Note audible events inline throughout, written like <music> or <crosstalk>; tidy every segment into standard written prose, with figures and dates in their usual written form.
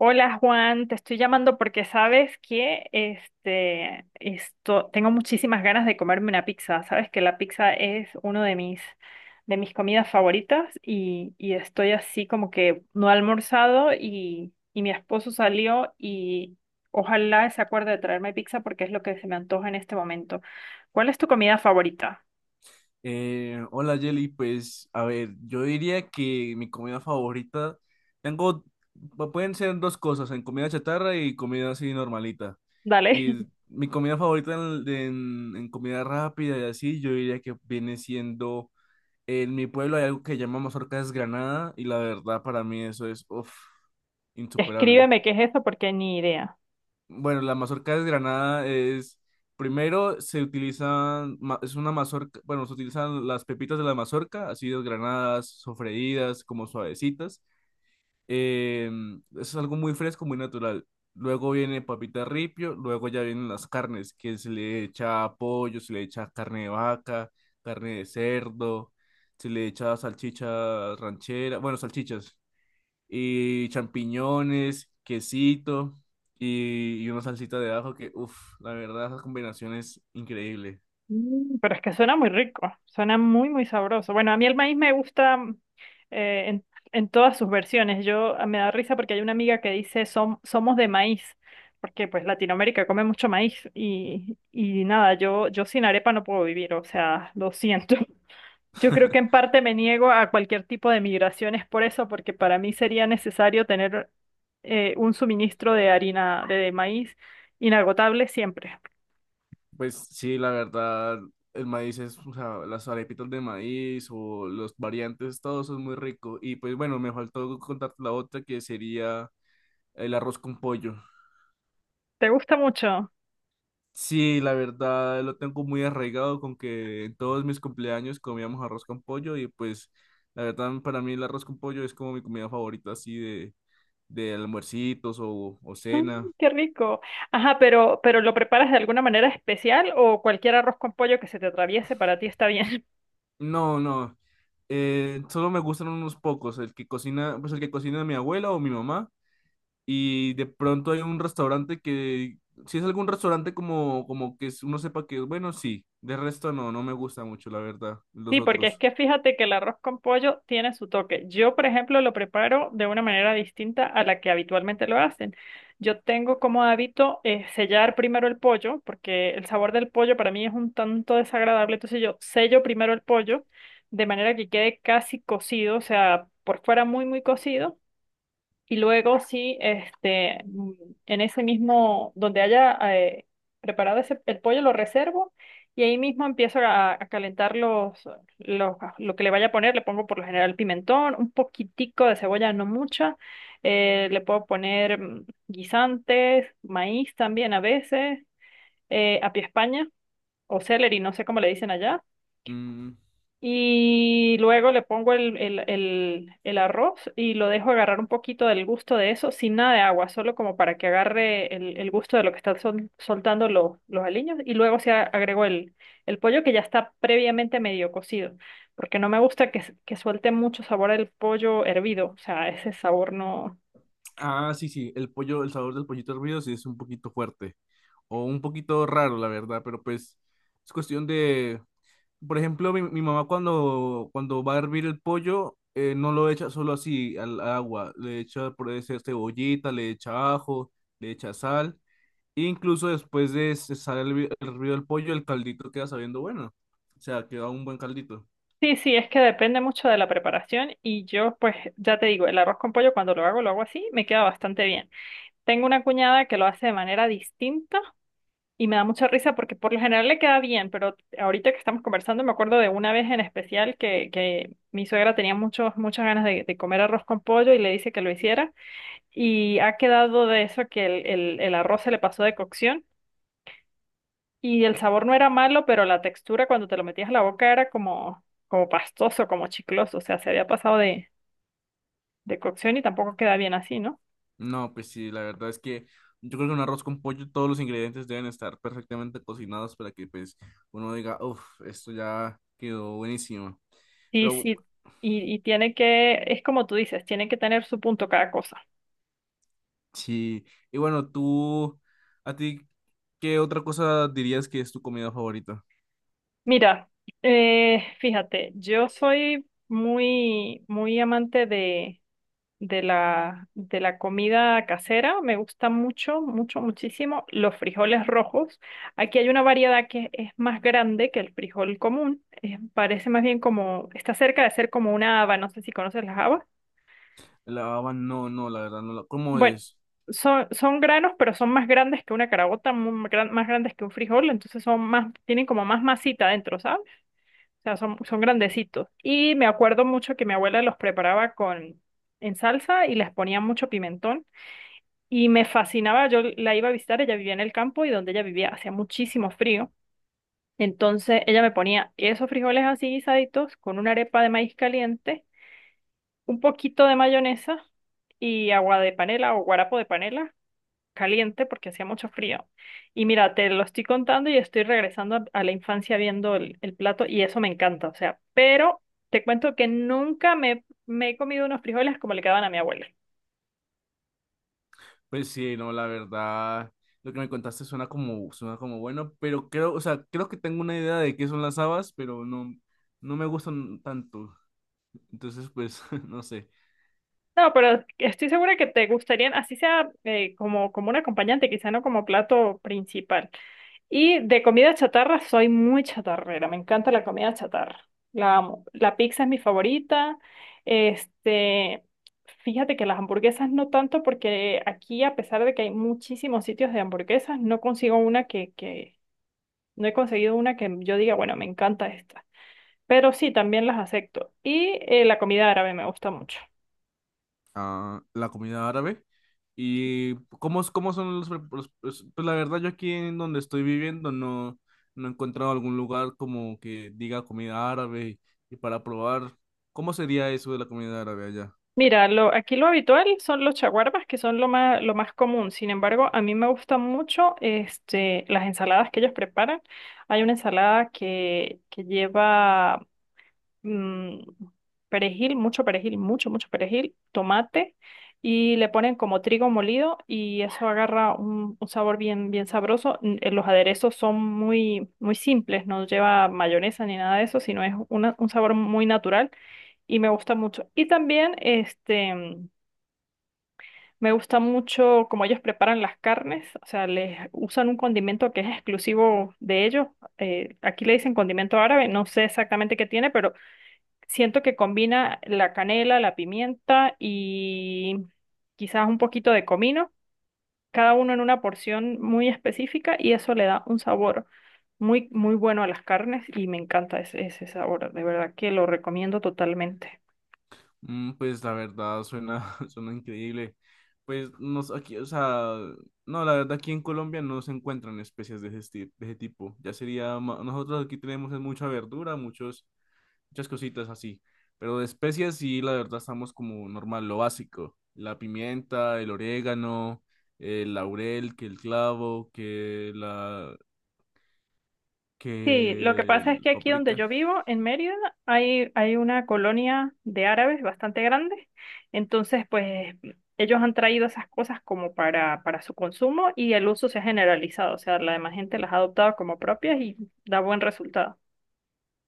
Hola Juan, te estoy llamando porque sabes que tengo muchísimas ganas de comerme una pizza. Sabes que la pizza es uno de mis comidas favoritas y estoy así como que no he almorzado y mi esposo salió y ojalá se acuerde de traerme pizza porque es lo que se me antoja en este momento. ¿Cuál es tu comida favorita? Hola Jelly, pues a ver, yo diría que mi comida favorita, tengo, pueden ser dos cosas, en comida chatarra y comida así normalita. Dale. Y mi comida favorita en comida rápida y así, yo diría que viene siendo, en mi pueblo hay algo que llamamos mazorca desgranada y la verdad para mí eso es, uff, <laughs> insuperable. Escríbeme qué es eso porque ni idea. Bueno, la mazorca desgranada es, primero se utilizan, ma- es una mazorca, bueno, se utilizan las pepitas de la mazorca, así desgranadas, sofreídas, como suavecitas. Eso es algo muy fresco, muy natural. Luego viene papita ripio, luego ya vienen las carnes, que se le echa pollo, se le echa carne de vaca, carne de cerdo, se le echa salchicha ranchera, bueno, salchichas, y champiñones, quesito y una salsita de ajo que, uff, la verdad, esa combinación es increíble. Mm, pero es que suena muy rico, suena muy, muy sabroso. Bueno, a mí el maíz me gusta, eh, en, en todas sus versiones. Yo, me da risa porque hay una amiga que dice somos de maíz", porque pues Latinoamérica come mucho maíz y nada, yo sin arepa no puedo vivir, o sea, lo siento. <laughs> Yo creo <laughs> que en parte me niego a cualquier tipo de migraciones por eso, porque para mí sería necesario tener un suministro de harina de maíz inagotable siempre. Pues sí, la verdad, el maíz es, o sea, las arepitas de maíz o los variantes, todo eso es muy rico. Y pues bueno, me faltó contarte la otra que sería el arroz con pollo. ¿Te gusta mucho? Sí, la verdad lo tengo muy arraigado con que en todos mis cumpleaños comíamos arroz con pollo y pues la verdad para mí el arroz con pollo es como mi comida favorita así de almuercitos o Ah, cena. qué rico. Ajá, pero ¿lo preparas de alguna manera especial o cualquier arroz con pollo que se te atraviese para ti está bien? <laughs> No, no. Solo me gustan unos pocos. El que cocina, pues el que cocina mi abuela o mi mamá. Y de pronto hay un restaurante que, si es algún restaurante como, como que uno sepa que es bueno, sí. De resto no, no me gusta mucho, la verdad, los Sí, porque es otros. que fíjate que el arroz con pollo tiene su toque. Yo, por ejemplo, lo preparo de una manera distinta a la que habitualmente lo hacen. Yo tengo como hábito, sellar primero el pollo, porque el sabor del pollo para mí es un tanto desagradable. Entonces yo sello primero el pollo de manera que quede casi cocido, o sea, por fuera muy, muy cocido. Y luego sí, en ese mismo, donde haya preparado ese, el pollo, lo reservo y ahí mismo empiezo a calentar lo que le vaya a poner. Le pongo por lo general pimentón, un poquitico de cebolla, no mucha. Le puedo poner, guisantes, maíz también a veces, apia España o celery, no sé cómo le dicen allá. Mm, Y luego le pongo el arroz y lo dejo agarrar un poquito del gusto de eso, sin nada de agua, solo como para que agarre el gusto de lo que están soltando los aliños. Y luego se agregó el pollo que ya está previamente medio cocido, porque no me gusta que, que suelte mucho sabor el pollo hervido, o sea, ese sabor no... ah, sí, sí, el pollo, el sabor del pollito hervido sí es un poquito fuerte. O un poquito raro, la verdad, pero pues es cuestión de, por ejemplo, mi mamá cuando, cuando va a hervir el pollo, no lo echa solo así al agua, le echa por ese cebollita, le echa ajo, le echa sal, e incluso después de cesar el hervido del pollo, el caldito queda sabiendo bueno, o sea, queda un buen caldito. Sí, sí, es que depende mucho de la preparación y yo pues ya te digo, el arroz con pollo cuando lo hago así, me queda bastante bien. Tengo una cuñada que lo hace de manera distinta. Y me da mucha risa porque por lo general le queda bien, pero ahorita que estamos conversando me acuerdo de una vez en especial que mi suegra tenía muchos, muchas ganas de comer arroz con pollo y le dice que lo hiciera y ha quedado de eso que el arroz se le pasó de cocción y el sabor no era malo, pero la textura cuando te lo metías a la boca era como, como pastoso, como chicloso, o sea, se había pasado de cocción y tampoco queda bien así, ¿no? No, pues sí, la verdad es que yo creo que un arroz con pollo, todos los ingredientes deben estar perfectamente cocinados para que pues uno diga, uff, esto ya quedó buenísimo. Sí, Pero sí, y tiene que, es como tú dices, tiene que tener su punto cada cosa. sí, y bueno, tú, ¿a ti qué otra cosa dirías que es tu comida favorita? Mira, fíjate, yo soy muy, muy amante de la comida casera. Me gusta mucho, mucho, muchísimo los frijoles rojos. Aquí hay una variedad que es más grande que el frijol común. Parece más bien como, está cerca de ser como una haba. No sé si conoces las habas. La baba, no, no, la verdad, no la, ¿cómo Bueno, es? son, son granos, pero son más grandes que una carabota, más grandes que un frijol. Entonces son más, tienen como más masita adentro, ¿sabes? Sea, son, son grandecitos. Y me acuerdo mucho que mi abuela los preparaba con, en salsa y les ponía mucho pimentón. Y me fascinaba, yo la iba a visitar, ella vivía en el campo y donde ella vivía hacía muchísimo frío. Entonces ella me ponía esos frijoles así guisaditos con una arepa de maíz caliente, un poquito de mayonesa y agua de panela o guarapo de panela caliente porque hacía mucho frío. Y mira, te lo estoy contando y estoy regresando a la infancia viendo el plato y eso me encanta, o sea, pero te cuento que nunca me he comido unos frijoles como le quedaban a mi abuela. Pues sí, no, la verdad, lo que me contaste suena como bueno, pero creo, o sea, creo que tengo una idea de qué son las habas, pero no, no me gustan tanto, entonces, pues, <laughs> no sé. No, pero estoy segura que te gustarían, así sea, como un acompañante, quizá no como plato principal. Y de comida chatarra soy muy chatarrera, me encanta la comida chatarra, la amo. La pizza es mi favorita. Este, fíjate que las hamburguesas no tanto porque aquí a pesar de que hay muchísimos sitios de hamburguesas, no consigo una que no he conseguido una que yo diga, bueno, me encanta esta. Pero sí, también las acepto. Y la comida árabe me gusta mucho. A la comunidad árabe. ¿Y cómo, es- cómo son los, pre- los- Pues la verdad, yo aquí en donde estoy viviendo no, no he encontrado algún lugar como que diga comida árabe y, para probar, ¿cómo sería eso de la comida árabe allá? Mira, lo, aquí lo habitual son los chaguarbas, que son lo más común. Sin embargo, a mí me gustan mucho este, las ensaladas que ellos preparan. Hay una ensalada que lleva, mm, perejil, mucho, mucho perejil, tomate y le ponen como trigo molido y eso agarra un sabor bien, bien sabroso. Los aderezos son muy, muy simples, no lleva mayonesa ni nada de eso, sino es un sabor muy natural y me gusta mucho. Y también me gusta mucho cómo ellos preparan las carnes, o sea, les usan un condimento que es exclusivo de ellos. Aquí le dicen condimento árabe, no sé exactamente qué tiene, pero siento que combina la canela, la pimienta y quizás un poquito de comino, cada uno en una porción muy específica y eso le da un sabor muy, muy bueno a las carnes y me encanta ese sabor. De verdad que lo recomiendo totalmente. Mm, pues la verdad, suena, <laughs> suena increíble. Pues no, sé, aquí, o sea, no, la verdad aquí en Colombia no se encuentran especies de ese, de ese tipo. Nosotros aquí tenemos es mucha verdura, muchos muchas cositas así. Pero de especias sí, la verdad estamos como normal, lo básico. La pimienta, el orégano, el laurel, que el clavo, Sí, lo que que pasa es el que aquí donde paprika. yo vivo, en Mérida, hay una colonia de árabes bastante grande. Entonces, pues ellos han traído esas cosas como para su consumo y el uso se ha generalizado. O sea, la demás gente las ha adoptado como propias y da buen resultado.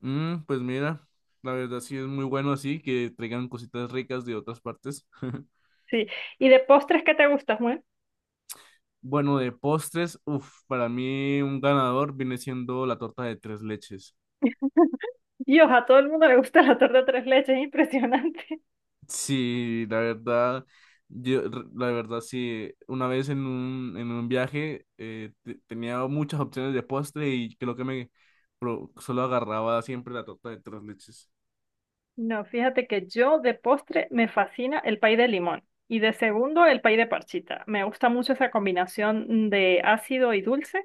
Mm, pues mira, la verdad sí es muy bueno así que traigan cositas ricas de otras partes. <laughs> Sí. ¿Y de postres qué te gusta, Juan? Bueno, de postres, uff, para mí un ganador viene siendo la torta de tres leches. Dios, a todo el mundo le gusta la torta tres leches, es impresionante. Sí, la verdad, la verdad sí, una vez en un viaje tenía muchas opciones de postre y creo que me solo agarraba siempre la torta de tres leches. No, fíjate que yo de postre me fascina el pay de limón y de segundo el pay de parchita. Me gusta mucho esa combinación de ácido y dulce.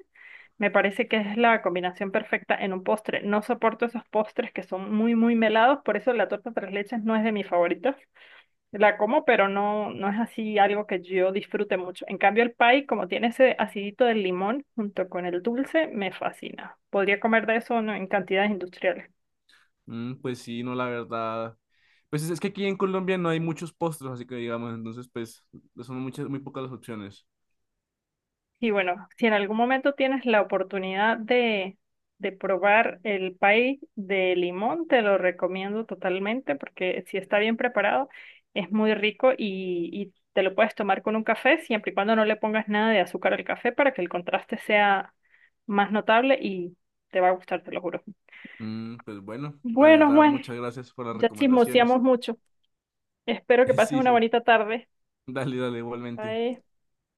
Me parece que es la combinación perfecta en un postre. No soporto esos postres que son muy, muy melados, por eso la torta tres leches no es de mis favoritos. La como, pero no, no es así algo que yo disfrute mucho. En cambio, el pay, como tiene ese acidito del limón junto con el dulce, me fascina. Podría comer de eso, ¿no? En cantidades industriales. Mm, pues sí, no, la verdad. Pues es que aquí en Colombia no hay muchos postres, así que digamos, entonces pues son muchas, muy pocas las opciones. Y bueno, si en algún momento tienes la oportunidad de probar el pay de limón, te lo recomiendo totalmente porque si está bien preparado, es muy rico y te lo puedes tomar con un café, siempre y cuando no le pongas nada de azúcar al café para que el contraste sea más notable y te va a gustar, te lo juro. Mm, pues bueno, la Bueno, verdad, Juan, muchas gracias por las ya recomendaciones. chismoseamos mucho. Espero que <laughs> pases Sí, una sí, bonita tarde. dale, dale, igualmente. Bye.